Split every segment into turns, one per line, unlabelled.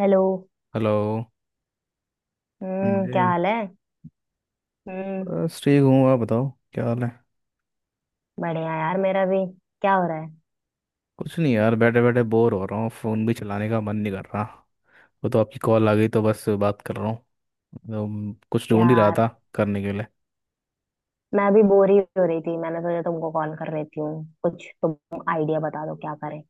Hello.
Hello. हाँ
क्या
जी।
हाल है? हम्म।
बस ठीक हूँ, आप बताओ क्या हाल है।
बढ़िया यार, मेरा भी। क्या हो रहा है?
कुछ नहीं यार, बैठे बैठे बोर हो रहा हूँ, फ़ोन भी चलाने का मन नहीं कर रहा। वो तो आपकी कॉल आ गई तो बस बात कर रहा हूँ। तो कुछ ढूंढ ही रहा
यार,
था करने के लिए।
मैं अभी बोर ही हो रही थी। मैंने सोचा तुमको कॉल कर लेती हूँ। कुछ तुम आइडिया बता दो, क्या करें।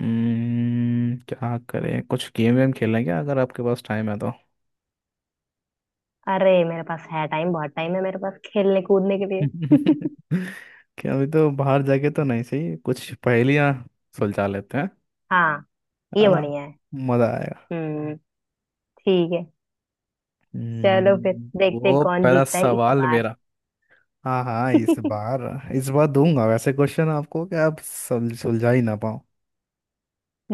क्या करें, कुछ गेम वेम खेलें क्या, अगर आपके पास टाइम है तो।
अरे मेरे पास है टाइम, बहुत टाइम है मेरे पास खेलने कूदने के लिए।
क्या अभी तो बाहर जाके तो नहीं सही, कुछ पहेलियाँ सुलझा लेते हैं।
हाँ,
है
ये
ना,
बढ़िया है।
मज़ा आएगा।
हम्म। ठीक है। चलो फिर देखते हैं
तो
कौन
पहला
जीतता है इस
सवाल
बार।
मेरा। हाँ हाँ, इस बार। इस बार दूंगा वैसे क्वेश्चन आपको कि आप सुलझा ही ना पाओ।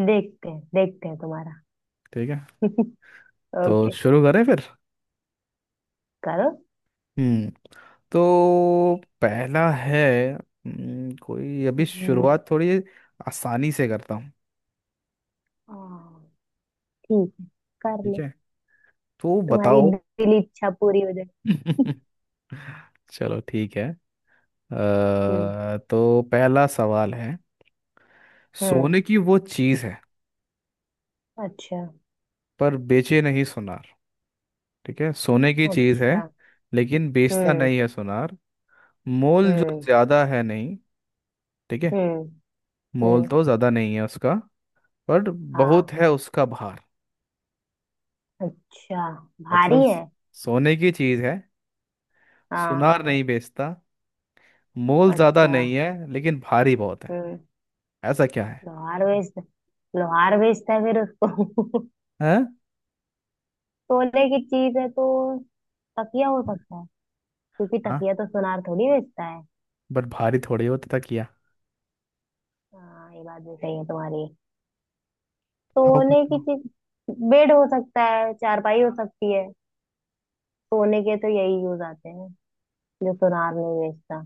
देखते हैं तुम्हारा।
ठीक है, तो
ओके,
शुरू करें फिर।
करो।
हम्म। तो पहला है। कोई अभी
हम्म।
शुरुआत थोड़ी आसानी से करता हूँ।
हाँ, ठीक है, कर
ठीक
लो।
है, तो
तुम्हारी
बताओ।
दिली इच्छा पूरी हो जाए।
चलो ठीक है।
हम्म।
तो पहला सवाल है।
हम्म।
सोने की वो चीज़ है
अच्छा।
पर बेचे नहीं सुनार। ठीक है, सोने की चीज़ है
अच्छा।
लेकिन बेचता
हम्म।
नहीं है सुनार। मोल जो
हम्म।
ज्यादा है नहीं। ठीक है।
हम्म।
मोल
हम्म।
तो ज्यादा नहीं है उसका, पर बहुत
हाँ।
है उसका भार।
अच्छा। भारी
मतलब
है।
सोने की चीज है,
हाँ।
सुनार नहीं बेचता, मोल ज्यादा
अच्छा।
नहीं है लेकिन भारी बहुत है।
हम्म।
ऐसा क्या है।
लोहार बेच, लोहार बेचता है फिर उसको।
हैं।
सोने की चीज है तो तकिया हो सकता है, क्योंकि
हाँ।
तकिया तो सुनार थोड़ी बेचता है।
बट भारी थोड़ी होता था किया।
हाँ, ये बात भी सही है तुम्हारी।
बताओ
सोने की
बताओ।
चीज, बेड हो सकता है, चारपाई हो सकती है। सोने के तो यही यूज आते हैं जो सुनार नहीं बेचता।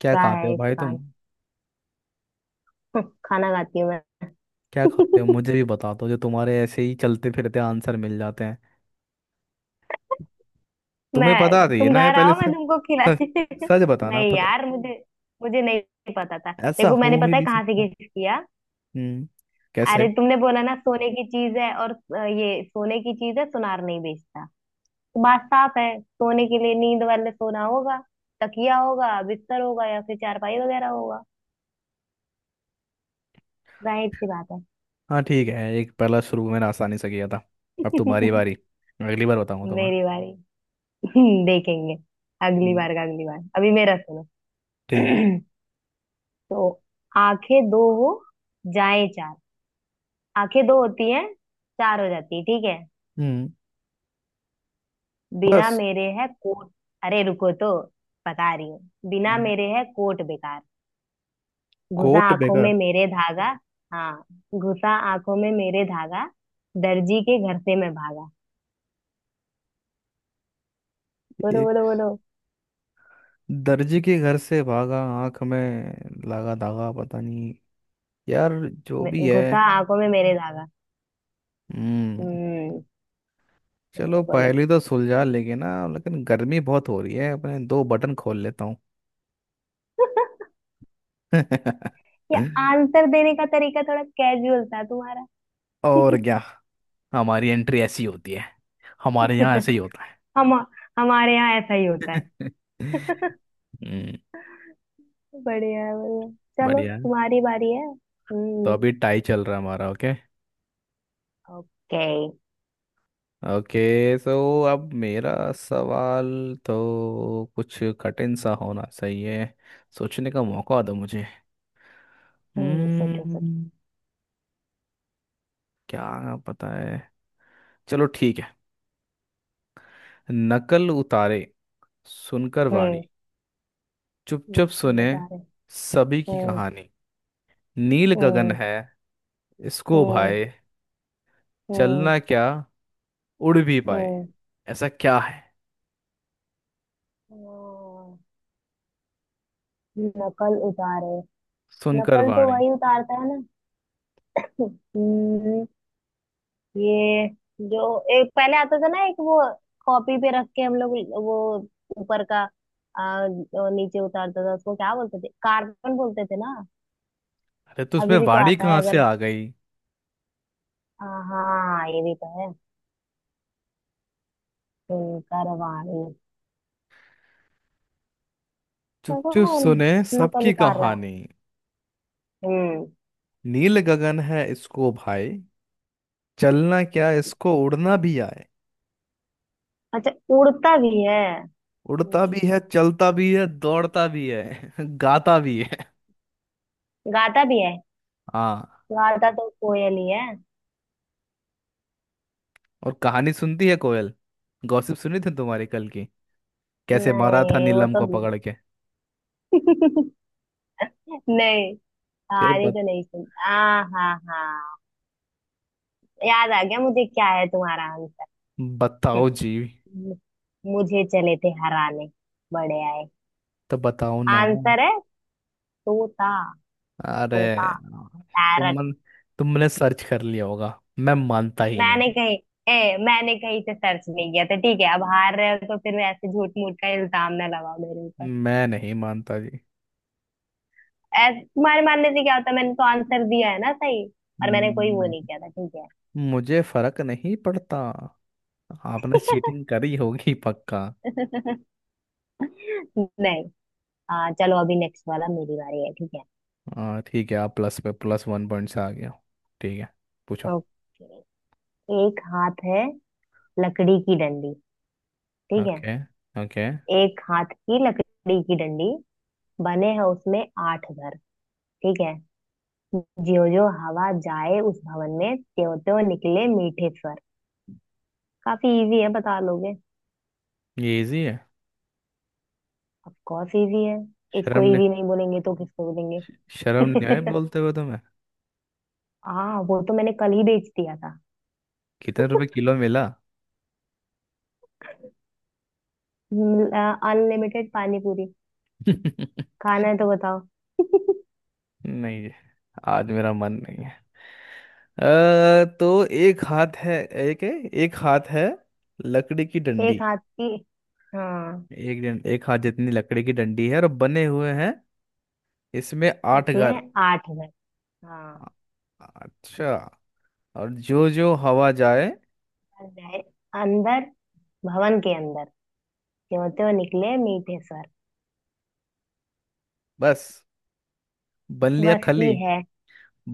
क्या
क्या
खाते
है
हो भाई
इसका?
तुम।
खाना खाती हूँ मैं।
क्या खाते हो, मुझे भी बता दो जो तुम्हारे ऐसे ही चलते फिरते आंसर मिल जाते हैं। तुम्हें
मैं
पता थी
तुम
ना ये
घर
पहले
आओ, मैं
से,
तुमको खिला
सच बताना
नहीं
पता।
यार, मुझे, मुझे नहीं पता था।
ऐसा
देखो मैंने,
हो ही
पता है
नहीं
कहाँ से
सकता।
गेस किया?
हम्म। कैसे।
अरे तुमने बोला ना सोने की चीज है। और ये सोने की चीज है सुनार नहीं बेचता, तो बात साफ है, सोने के लिए नींद वाले सोना होगा, तकिया होगा, बिस्तर होगा या फिर चारपाई वगैरह होगा। जाहिर सी बात है।
हाँ ठीक है, एक पहला शुरू मैंने आसानी से किया था। अब तुम्हारी बारी। अगली बार बताऊंगा तुम्हें।
मेरी बारी। देखेंगे। अगली
हम्म,
बार का अगली बार, अभी मेरा सुनो।
ठीक है।
तो आंखें दो हो जाए चार। आंखें दो होती हैं, चार हो जाती है, ठीक है।
हम्म।
बिना
बस।
मेरे है कोट, अरे रुको तो, बता रही हूँ। बिना
हम्म।
मेरे है कोट बेकार, घुसा
कोट
आंखों
बेकार।
में मेरे धागा। हाँ, घुसा आंखों में मेरे धागा, दर्जी के घर से मैं भागा। बोलो
एक
बोलो बोलो।
दर्जी के घर से भागा, आंख में लगा धागा, पता नहीं यार, जो भी है।
घुसा आंखों में मेरे धागा।
हम्म।
हम्म।
चलो
बोलो बोलो।
पहली तो सुलझा लेंगे ना, लेकिन गर्मी बहुत हो रही है, अपने दो बटन खोल लेता हूँ।
ये आंसर देने का तरीका थोड़ा कैजुअल था तुम्हारा।
और क्या, हमारी एंट्री ऐसी होती है, हमारे यहाँ ऐसे ही होता है।
हम, हमारे यहाँ ऐसा ही होता है।
हम्म।
बढ़िया है, बढ़िया। चलो,
बढ़िया।
तुम्हारी बारी है।
तो
हम्म।
अभी टाई चल रहा है हमारा। ओके।
ओके।
ओके, सो अब मेरा सवाल। तो कुछ कठिन सा होना सही है, सोचने का मौका दो मुझे।
हम्म, सोचो सोचो।
हम्म। क्या पता है। चलो ठीक है। नकल उतारे सुनकर वाणी,
हम्म।
चुपचाप
लखनऊ
सुने
तारे।
सभी की
हम्म।
कहानी, नील गगन
हम्म।
है इसको
हम्म।
भाए,
हम्म।
चलना क्या उड़ भी पाए।
हम्म।
ऐसा क्या है।
हम्म, नकल उतारे।
सुनकर
नकल तो
वाणी।
वही उतारता है ना। हम्म। ये, जो एक पहले आता था ना, एक वो कॉपी पे रख के हम लोग, वो ऊपर का, जो नीचे उतारता था उसको क्या बोलते थे? कार्बन बोलते थे ना।
अरे, तो उसमें
अभी भी तो
वाणी
आता है
कहाँ से
अगर।
आ गई।
हाँ हाँ, ये भी तो है। करवाणी।
चुप
ऐसा
चुप
कौन
सुने
है नकल
सबकी
उतार रहा है?
कहानी,
हम्म।
नील गगन है इसको भाई, चलना क्या इसको उड़ना भी आए।
अच्छा, उड़ता भी है।
उड़ता भी
हम्म।
है, चलता भी है, दौड़ता भी है, गाता भी है।
गाता भी है।
हाँ।
गाता तो कोयल ही है।
और कहानी सुनती है कोयल। गॉसिप सुनी थी तुम्हारी कल की, कैसे मारा था
नहीं वो
नीलम
तो
को पकड़ के।
नहीं,
फिर
तारी
बत,
तो नहीं सुन, हाँ हाँ हाँ, याद आ गया मुझे क्या है तुम्हारा आंसर।
बताओ जी।
मुझे चले थे हराने, बड़े आए।
तो बताओ ना।
आंसर है तोता।
अरे,
तोता, पैरट।
तुमन तुमने सर्च कर लिया होगा, मैं मानता ही नहीं।
मैंने कहीं, ए मैंने कहीं से सर्च नहीं किया था, ठीक है? अब हार रहे हो तो फिर ऐसे झूठ मूठ का इल्जाम ना लगाओ मेरे ऊपर।
मैं नहीं मानता जी।
ऐसे तुम्हारे मानने से क्या होता है? मैंने तो आंसर दिया है ना सही। और मैंने कोई
हम्म,
वो नहीं किया था, ठीक है।
मुझे फर्क नहीं पड़ता। आपने चीटिंग करी होगी पक्का।
नहीं। हाँ चलो, अभी नेक्स्ट वाला मेरी बारी है, ठीक है।
हाँ ठीक है, आप प्लस पे प्लस वन पॉइंट से आ गया हो। ठीक है, पूछो।
ओके, एक हाथ है, लकड़ी की डंडी, ठीक है।
ओके। ओके।
एक हाथ की लकड़ी की डंडी, बने हैं उसमें आठ घर, ठीक है। ज्यो ज्यो हवा जाए उस भवन में, त्यों त्यों निकले मीठे स्वर। काफी इजी है, बता लोगे।
ये इजी है।
ऑफ कोर्स इजी है। इसको
शर्म ने
इजी नहीं बोलेंगे तो किसको
शर्म नहीं आई
बोलेंगे।
बोलते हुए तुम्हें।
हाँ, वो तो मैंने कल ही बेच दिया था।
कितने रुपए किलो मिला।
अनलिमिटेड पानी पूरी खाना है तो बताओ।
नहीं जी, आज मेरा मन नहीं है। तो एक हाथ है। एक है। एक हाथ है लकड़ी की डंडी।
एक हाथ की, हाँ।
एक हाथ जितनी लकड़ी की डंडी है, और बने हुए हैं इसमें आठ घर।
उसमें आठ घर, हाँ।
अच्छा। और जो जो हवा जाए।
अंदर, अंदर, भवन के अंदर, त्यों त्यों निकले मीठे स्वर।
बस। बन लिया
बस ही
खली।
है।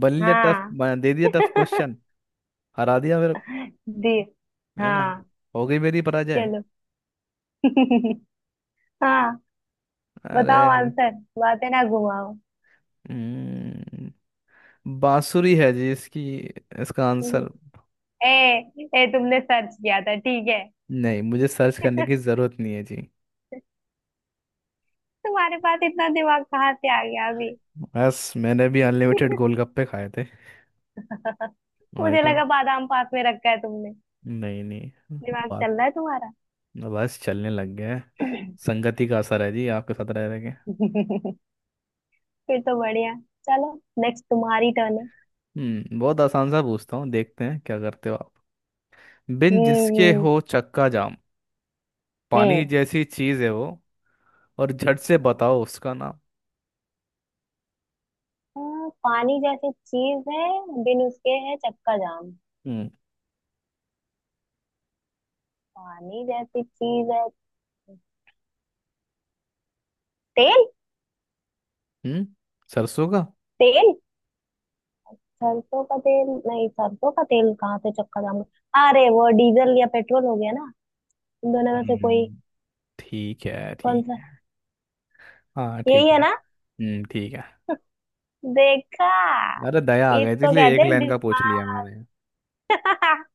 बन लिया टफ।
हाँ।
दे दिया टफ क्वेश्चन। हरा दिया मेरे को,
दी।
है ना,
हाँ।
हो गई मेरी पराजय।
चलो। हाँ। बताओ
अरे।
आंसर, बातें ना घुमाओ।
हम्म, बांसुरी है जी इसकी, इसका आंसर।
ए, ए तुमने सर्च किया था, ठीक है।
नहीं, मुझे सर्च करने की जरूरत नहीं है जी।
तुम्हारे पास इतना दिमाग कहाँ से आ गया अभी?
बस मैंने भी अनलिमिटेड गोलगप्पे खाए थे। वही
मुझे
तो।
लगा बादाम पास में रखा है तुमने,
नहीं नहीं।
दिमाग
बात
चल रहा है तुम्हारा।
बस चलने लग गया है, संगति का असर है जी आपके साथ रह रहे।
फिर तो बढ़िया। चलो, नेक्स्ट तुम्हारी टर्न है।
हम्म। बहुत आसान सा पूछता हूँ, देखते हैं क्या करते हो आप। बिन जिसके
हम्म।
हो चक्का जाम, पानी
हम्म।
जैसी चीज है वो, और झट से
अच्छा।
बताओ उसका नाम।
हाँ, पानी जैसी चीज है, बिन उसके है चक्का जाम।
हम्म।
पानी जैसी चीज है, तेल।
हम्म। सरसों का।
तेल, सरसों का तेल? नहीं, सरसों का तेल कहाँ से चक्का जाम। अरे वो डीजल या पेट्रोल हो गया ना, इन दोनों में से कोई।
हम्म, ठीक है
कौन
ठीक
सा?
है। हाँ
यही
ठीक
है
है।
ना।
हम्म, ठीक है।
देखा,
अरे, दया आ गई थी
इसको
इसलिए
कहते
एक
हैं
लाइन का पूछ लिया
दिमाग।
मैंने।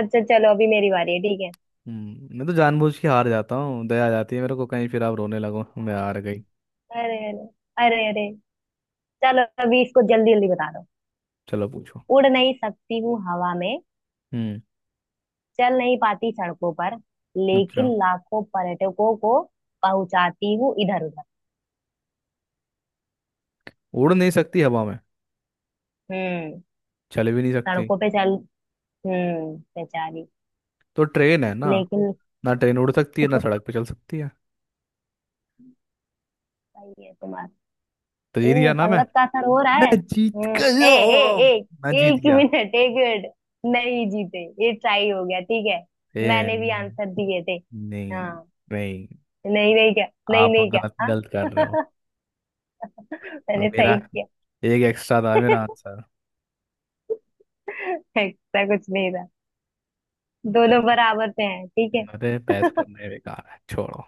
अच्छा चलो, अभी मेरी बारी है, ठीक है।
हम्म। मैं तो जानबूझ के हार जाता हूँ, दया आ जाती है मेरे को, कहीं फिर आप रोने लगो मैं हार
हाँ।
गई।
अरे अरे, अरे अरे, चलो अभी इसको जल्दी जल्दी बता दो।
चलो पूछो।
उड़ नहीं सकती हूँ हवा में,
हम्म।
चल नहीं पाती सड़कों पर,
अच्छा।
लेकिन लाखों पर्यटकों को पहुंचाती हूँ इधर उधर।
उड़ नहीं सकती हवा में,
हम्म।
चल भी नहीं सकती।
सड़कों पे चल, हम्म, बेचारी।
तो ट्रेन है ना,
लेकिन,
ना ट्रेन उड़ सकती है ना सड़क पे चल सकती है।
सही है तुम्हारा।
तो जीत गया ना मैं।
संगत का असर हो रहा
मैं
है।
जीत
हम्म। ए ए,
गया। मैं
ए
जीत
एक ही
गया।
मिनट, एक मिनट, नहीं जीते, ये ट्राई हो गया, ठीक है।
ए,
मैंने भी आंसर दिए थे।
नहीं
हाँ।
नहीं।
नहीं नहीं क्या, नहीं
आप
नहीं क्या,
गलत
हाँ।
गलत कर रहे हो।
मैंने
मेरा
सही किया।
एक एक्स्ट्रा था मेरा आंसर।
ऐसा कुछ नहीं था। दोनों
चलो,
बराबर पे हैं, ठीक है।
अरे बहस करने बेकार है, छोड़ो।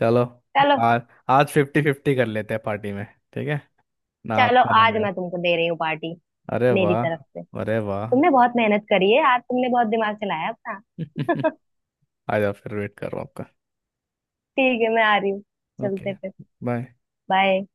चलो।
चलो।
आज आज फिफ्टी फिफ्टी कर लेते हैं पार्टी में। ठीक है, ना
चलो
आपका ना
आज
मेरा।
मैं तुमको दे रही हूँ पार्टी,
अरे
मेरी तरफ से।
वाह। अरे वाह।
तुमने बहुत मेहनत करी है आज, तुमने बहुत दिमाग चलाया अपना।
आ जाओ, फिर वेट कर रहा हूँ आपका।
ठीक है, मैं आ रही हूँ।
ओके।
चलते फिर।
बाय।
बाय।